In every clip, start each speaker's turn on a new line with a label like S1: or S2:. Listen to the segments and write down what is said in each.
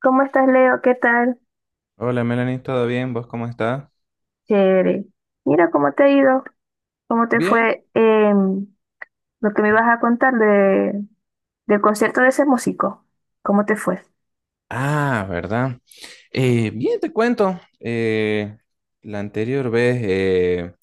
S1: ¿Cómo estás, Leo? ¿Qué tal?
S2: Hola Melanie, ¿todo bien? ¿Vos cómo estás?
S1: Chévere. Mira cómo te ha ido, cómo te
S2: Bien.
S1: fue em, lo que me ibas a contar del concierto de ese músico. ¿Cómo te fue?
S2: Ah, ¿verdad? Bien, te cuento. La anterior vez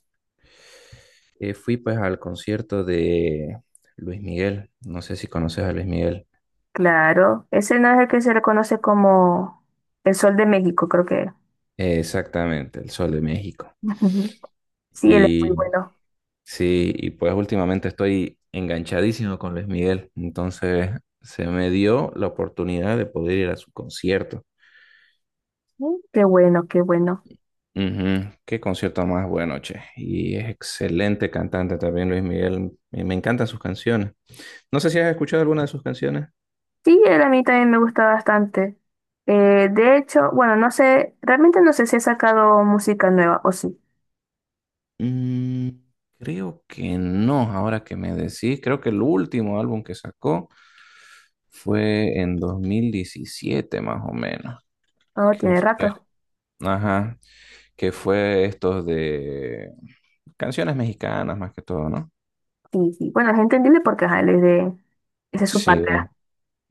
S2: fui pues al concierto de Luis Miguel. No sé si conoces a Luis Miguel.
S1: Claro, ese no es el que se le conoce como el Sol de México, creo que es.
S2: Exactamente, El Sol de México.
S1: Sí, él es muy
S2: Y
S1: bueno.
S2: sí, y pues últimamente estoy enganchadísimo con Luis Miguel. Entonces se me dio la oportunidad de poder ir a su concierto.
S1: Mm, qué bueno, qué bueno.
S2: Ujú. Qué concierto más bueno, che. Y es excelente cantante también Luis Miguel. Me encantan sus canciones. No sé si has escuchado alguna de sus canciones.
S1: Sí, él a mí también me gusta bastante. De hecho, bueno, no sé, realmente no sé si ha sacado música nueva o sí.
S2: Mm, creo que no, ahora que me decís. Creo que el último álbum que sacó fue en 2017, más o menos.
S1: Oh,
S2: Que
S1: tiene
S2: fue,
S1: rato.
S2: ajá, que fue estos de canciones mexicanas más que todo, ¿no?
S1: Sí, sí. Bueno, es entendible porque ajá, él es de. Esa es su
S2: Sí.
S1: patria.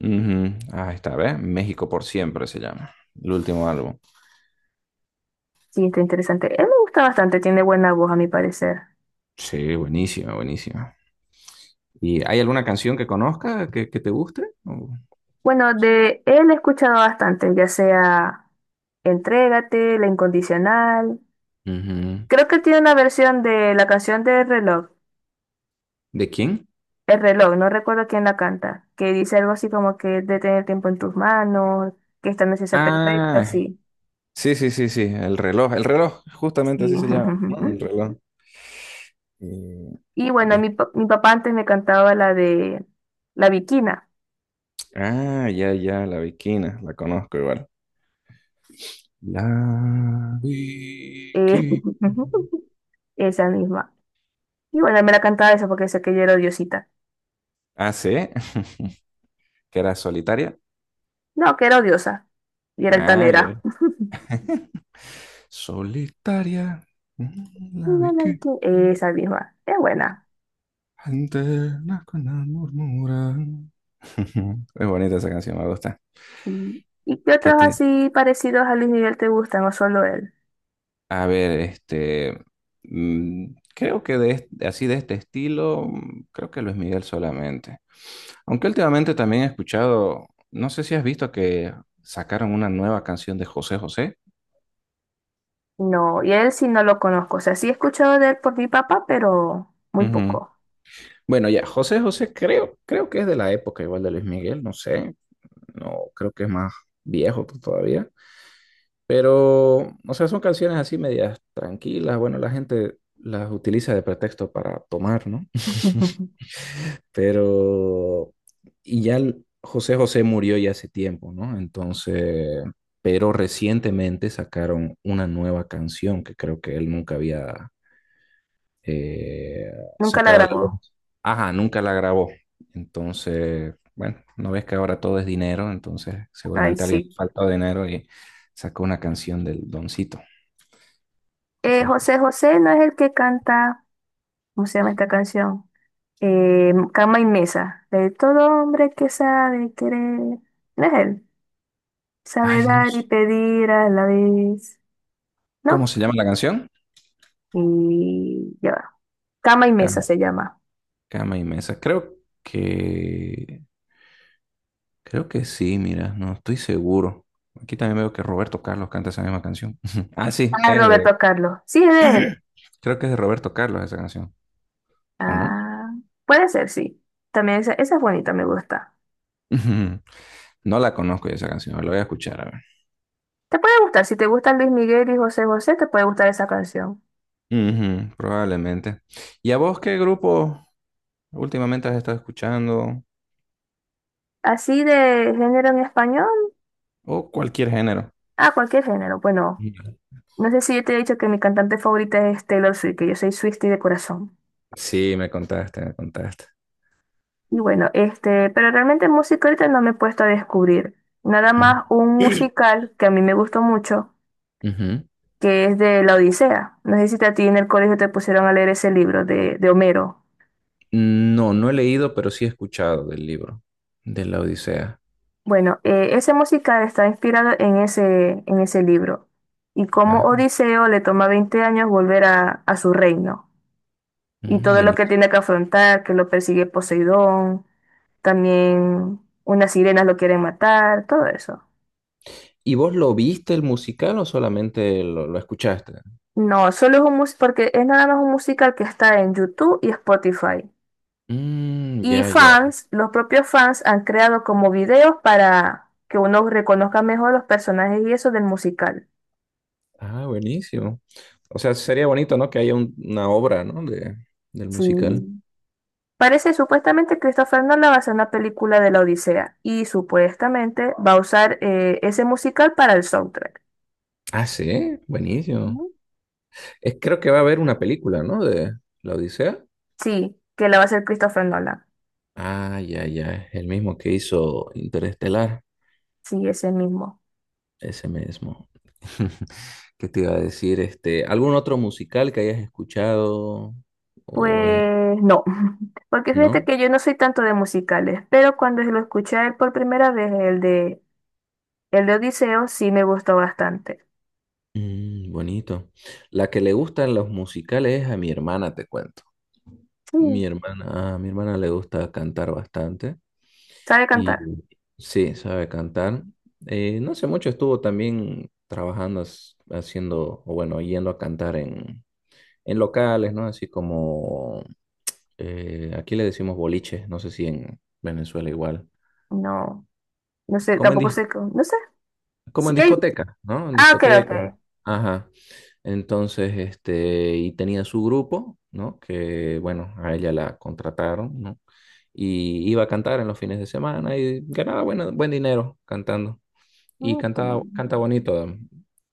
S2: Ujú. Ah, esta vez México por siempre se llama. El último álbum.
S1: Sí, está interesante. Él me gusta bastante, tiene buena voz a mi parecer.
S2: Sí, buenísima, buenísima. ¿Y hay alguna canción que conozca que te guste? O-
S1: Bueno, de él he escuchado bastante, ya sea Entrégate, La Incondicional.
S2: Ujú.
S1: Creo que tiene una versión de la canción de reloj.
S2: ¿De quién?
S1: El reloj, no recuerdo quién la canta, que dice algo así como que de tener el tiempo en tus manos, que esta noche sea perfecta,
S2: Ah,
S1: sí.
S2: sí, sí, sí, sí, el reloj, justamente
S1: Sí.
S2: así se llama, ¿no? El reloj. Y
S1: Y bueno,
S2: de-
S1: mi papá antes me cantaba la de La Bikina.
S2: Ah, ya, ya, la Bikina, la conozco igual. La
S1: Eh,
S2: Bikina.
S1: Esa misma. Y bueno, me la cantaba esa porque sé que yo era odiosita.
S2: Ah, sí, que era solitaria.
S1: No, que era odiosa. Y era
S2: Ah, ya.
S1: altanera.
S2: Solitaria, la
S1: Mira
S2: Bikina.
S1: esa misma. Es buena.
S2: Anternas con amor murmuran. Es bonita esa canción, me gusta.
S1: Mm. ¿Y qué
S2: ¿Qué
S1: otros
S2: te...?
S1: así parecidos a Luis Miguel te gustan o solo él?
S2: A ver, este, creo que así de este estilo, creo que Luis Miguel solamente. Aunque últimamente también he escuchado, no sé si has visto que sacaron una nueva canción de José José.
S1: No, y a él sí no lo conozco. O sea, sí he escuchado de él por mi papá, pero muy
S2: Ujú.
S1: poco.
S2: Bueno, ya, José José creo que es de la época igual de Luis Miguel, no sé, no creo que es más viejo todavía. Pero, o sea, son canciones así medias tranquilas. Bueno, la gente las utiliza de pretexto para tomar, ¿no? Pero, y ya José José murió ya hace tiempo, ¿no? Entonces, pero recientemente sacaron una nueva canción que creo que él nunca había eh,
S1: Nunca la
S2: sacado a la
S1: grabó.
S2: luz. Ajá, nunca la grabó. Entonces, bueno, no ves que ahora todo es dinero, entonces
S1: Ay,
S2: seguramente alguien le
S1: sí.
S2: falta dinero y sacó una canción del Doncito, José José.
S1: José José no es el que canta. ¿Cómo se llama esta canción? Cama y Mesa. De todo hombre que sabe querer. No es él. Sabe
S2: Ay, no.
S1: dar y pedir a la vez,
S2: ¿Cómo
S1: ¿no?
S2: se llama la canción?
S1: Y ya va. Cama y mesa
S2: Cama,
S1: se llama.
S2: cama y mesa. Que. Creo que sí, mira, no estoy seguro. Aquí también veo que Roberto Carlos canta esa misma canción. Ah, sí,
S1: Ah, es
S2: es de.
S1: Roberto Carlos. Sí, es de él.
S2: Creo que es de Roberto Carlos esa canción. ¿O no?
S1: Ah, puede ser, sí. También esa es bonita, me gusta.
S2: Ujú. No la conozco esa canción, la voy a escuchar, a ver.
S1: Te puede gustar, si te gustan Luis Miguel y José José, te puede gustar esa canción.
S2: Ujú, probablemente. ¿Y a vos qué grupo últimamente has estado escuchando?
S1: Así de género en español,
S2: O cualquier género.
S1: ah, cualquier género. Bueno,
S2: Ujú.
S1: no sé si yo te he dicho que mi cantante favorita es Taylor Swift, que yo soy Swiftie de corazón.
S2: Sí, me contaste, me contaste.
S1: Y bueno, este, pero realmente música ahorita no me he puesto a descubrir. Nada
S2: Ujú.
S1: más un musical que a mí me gustó mucho,
S2: Ujú.
S1: que es de La Odisea. No sé si a ti en el colegio te pusieron a leer ese libro de Homero.
S2: No, no he leído, pero sí he escuchado del libro, de la Odisea.
S1: Bueno, ese musical está inspirado en ese libro. Y cómo
S2: Ah,
S1: Odiseo le toma 20 años volver a su reino. Y todo lo que
S2: buenísimo.
S1: tiene que afrontar, que lo persigue Poseidón, también unas sirenas lo quieren matar, todo eso.
S2: ¿Y vos lo viste el musical o solamente lo escuchaste?
S1: No, solo es un mus- porque es nada más un musical que está en YouTube y Spotify.
S2: Mm,
S1: Y
S2: ya, ya.
S1: fans, los propios fans han creado como videos para que uno reconozca mejor los personajes y eso del musical.
S2: Ah, buenísimo. O sea, sería bonito, ¿no? Que haya una obra, ¿no? Del musical.
S1: Sí. Parece supuestamente Christopher Nolan va a hacer una película de la Odisea y supuestamente va a usar ese musical para el soundtrack.
S2: Ah, sí, buenísimo.
S1: Ujú.
S2: Creo que va a haber una película, ¿no? De la Odisea.
S1: Sí, que la va a hacer Christopher Nolan.
S2: Ah, ya, ya. El mismo que hizo Interestelar.
S1: Sí, ese mismo.
S2: Ese mismo. ¿Qué te iba a decir? Este, ¿algún otro musical que hayas escuchado? O,
S1: Pues no, porque fíjate
S2: ¿no?
S1: que yo no soy tanto de musicales, pero cuando lo escuché a él por primera vez, el el de Odiseo, sí me gustó bastante.
S2: Mm, bonito. La que le gustan los musicales es a mi hermana, te cuento. Mi
S1: Sí.
S2: hermana, a mi hermana le gusta cantar bastante
S1: ¿Sabe cantar?
S2: y sí, sabe cantar. No hace mucho estuvo también trabajando, haciendo, o bueno, yendo a cantar en, locales, ¿no? Así como aquí le decimos boliche, no sé si en Venezuela igual.
S1: No, no sé,
S2: Como en,
S1: tampoco
S2: dis-
S1: sé, no sé.
S2: Como
S1: Sí,
S2: en discoteca, ¿no? En
S1: ah, ok,
S2: discotecas.
S1: ok.
S2: Ajá. Entonces, este, y tenía su grupo, ¿no? Que, bueno, a ella la contrataron, ¿no? Y iba a cantar en los fines de semana y ganaba buen dinero cantando. Y
S1: Ok.
S2: canta bonito.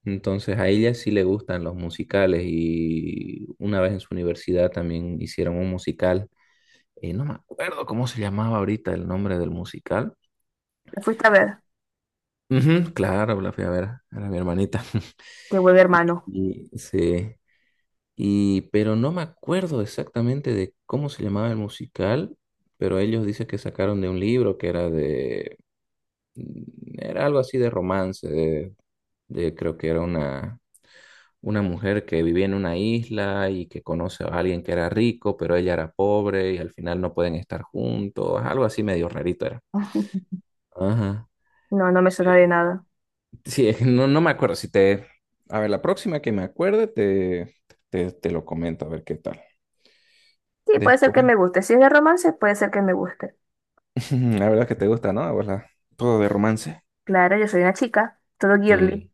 S2: Entonces, a ella sí le gustan los musicales y una vez en su universidad también hicieron un musical no me acuerdo cómo se llamaba ahorita el nombre del musical.
S1: La fuiste a ver,
S2: Ujú, claro, la fui a ver, era mi hermanita.
S1: que vuelve hermano.
S2: Sí, pero no me acuerdo exactamente de cómo se llamaba el musical, pero ellos dicen que sacaron de un libro que era de, era algo así de romance, creo que era una mujer que vivía en una isla y que conoce a alguien que era rico, pero ella era pobre y al final no pueden estar juntos, algo así medio rarito era. Ajá.
S1: No, no me suena de nada.
S2: Sí, no, no me acuerdo. Si te. A ver, la próxima que me acuerde, te lo comento, a ver qué tal.
S1: Sí, puede ser que
S2: Después,
S1: me guste. Si es de romance, puede ser que me guste.
S2: la verdad es que te gusta, ¿no? A vos todo de romance.
S1: Claro, yo soy una chica, todo
S2: Mm.
S1: girly.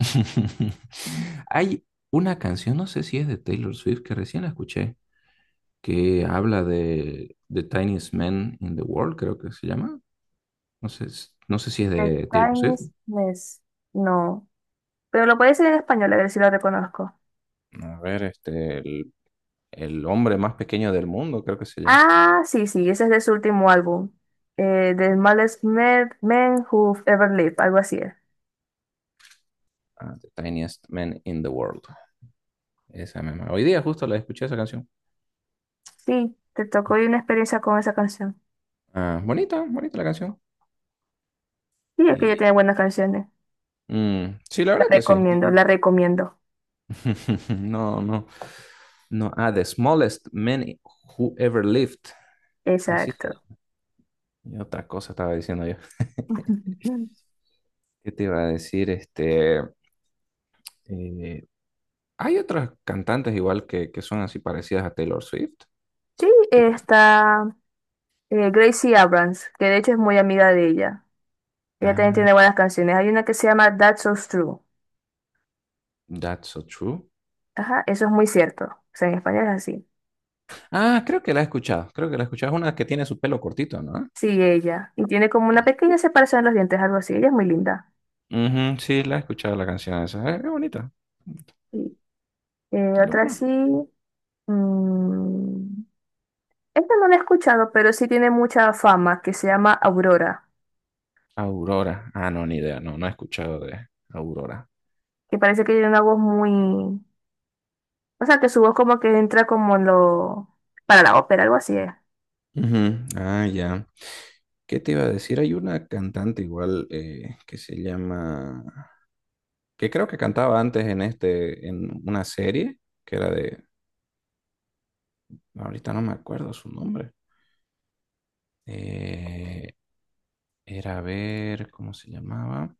S2: Hay una canción, no sé si es de Taylor Swift, que recién la escuché, que habla de The Tiniest Man in the World, creo que se llama. No sé, no sé si es
S1: The
S2: de Taylor
S1: Time
S2: Swift.
S1: is Mess. No, pero lo puede decir en español, a ver si lo reconozco.
S2: A ver, este, el hombre más pequeño del mundo, creo que se llama.
S1: Ah, sí, sí, ese es de su último álbum. The Smallest Men, Who've Ever Lived, algo así es.
S2: Ah, The Tiniest Man in the World. Esa misma. Hoy día justo la escuché esa canción.
S1: Sí, te tocó y una experiencia con esa canción.
S2: Ah, bonita, bonita la canción.
S1: Sí, es que ella
S2: Y,
S1: tiene buenas canciones.
S2: sí, la
S1: La
S2: verdad que sí.
S1: recomiendo, la recomiendo.
S2: No, no, no. Ah, The Smallest Man Who Ever Lived. Así se
S1: Exacto.
S2: llama. Y otra cosa estaba diciendo yo. ¿Qué te iba a decir? Este, eh, hay otras cantantes igual que son así parecidas a Taylor Swift.
S1: Sí,
S2: ¿Qué tal?
S1: está Gracie Abrams, que de hecho es muy amiga de ella. Ella también
S2: Ah,
S1: tiene buenas canciones. Hay una que se llama That's So True.
S2: That's So True.
S1: Ajá, eso es muy cierto. O sea, en español es así.
S2: Ah, creo que la he escuchado. Creo que la he escuchado. Es una que tiene su pelo cortito, ¿no?
S1: Sí, ella. Y tiene como una pequeña separación en los dientes, algo así. Ella es muy linda.
S2: Ujú, sí, la he escuchado la canción esa. Es bonita.
S1: Sí. Eh,
S2: Es lo
S1: otra sí.
S2: bueno.
S1: mm, esta no la he escuchado, pero sí tiene mucha fama, que se llama Aurora,
S2: Aurora. Ah, no, ni idea. No, no he escuchado de Aurora.
S1: que parece que tiene una voz muy. O sea, que su voz como que entra como en lo. Para la ópera, algo así. Es.
S2: Ujú. Ah, ya. ¿Qué te iba a decir? Hay una cantante igual que se llama, que creo que cantaba antes en este, en una serie que era de, ahorita no me acuerdo su nombre. Eh, era a ver, ¿cómo se llamaba?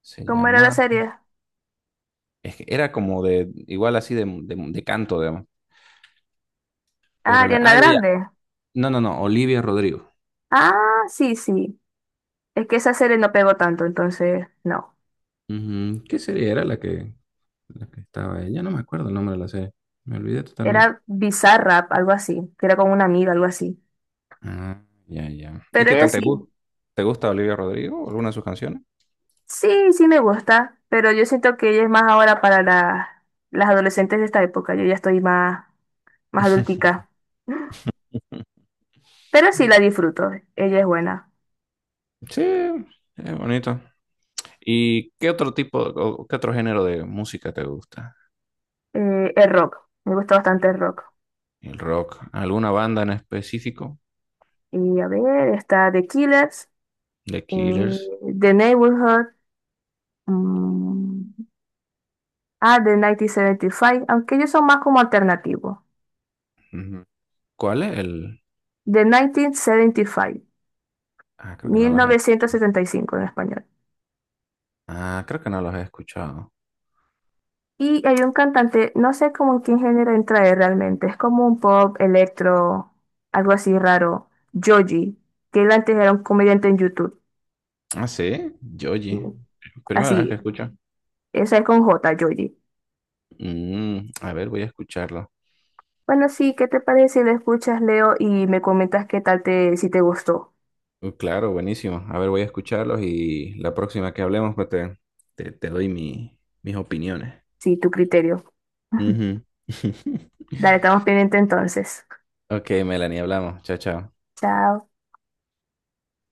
S2: Se
S1: ¿Cómo era la
S2: llamaba,
S1: serie?
S2: es que era como de, igual así de canto, digamos.
S1: Ah, Ariana
S2: Ah, ya, ya.
S1: Grande.
S2: No, no, no, Olivia Rodrigo.
S1: Ah, sí, sí. Es que esa serie no pegó tanto, entonces no.
S2: Ujú. ¿Qué serie era la que estaba? Ya no me acuerdo el nombre de la serie. Me olvidé totalmente.
S1: Era Bizarrap, algo así, que era con una amiga, algo así.
S2: Ah, ya, ya. ¿Y
S1: Pero
S2: qué
S1: ella
S2: tal te
S1: sí.
S2: gusta? ¿Te gusta Olivia Rodrigo o alguna de sus canciones?
S1: Sí, sí me gusta, pero yo siento que ella es más ahora para las adolescentes de esta época. Yo ya estoy más, más adultica. Pero sí la disfruto, ella es buena.
S2: Sí, es bonito. ¿Y qué otro tipo o qué otro género de música te gusta?
S1: El rock, me gusta bastante el rock.
S2: El rock. ¿Alguna banda en específico?
S1: Y a ver, está The Killers,
S2: The
S1: eh,
S2: Killers.
S1: The Neighborhood, mm, The 1975, aunque ellos son más como alternativos.
S2: Ujú. ¿Cuál es el?
S1: The 1975
S2: Ah, creo que no
S1: mil
S2: los he
S1: novecientos
S2: escuchado.
S1: setenta y cinco en español.
S2: Ah, creo que no los he escuchado.
S1: Y hay un cantante, no sé cómo en qué género entra él realmente, es como un pop, electro, algo así raro. Joji, que él antes era un comediante en YouTube.
S2: Ah, sí, Joji. Primera vez que
S1: Así,
S2: escucho.
S1: esa es con J, Joji.
S2: A ver, voy a escucharlo.
S1: Bueno, sí, ¿qué te parece si lo escuchas, Leo, y me comentas si te gustó,
S2: Claro, buenísimo. A ver, voy a escucharlos y la próxima que hablemos, pues te, doy mis opiniones.
S1: si tu criterio?
S2: Ujú.
S1: Dale, estamos pendientes entonces.
S2: Ok, Melanie, hablamos. Chao, chao.
S1: Chao.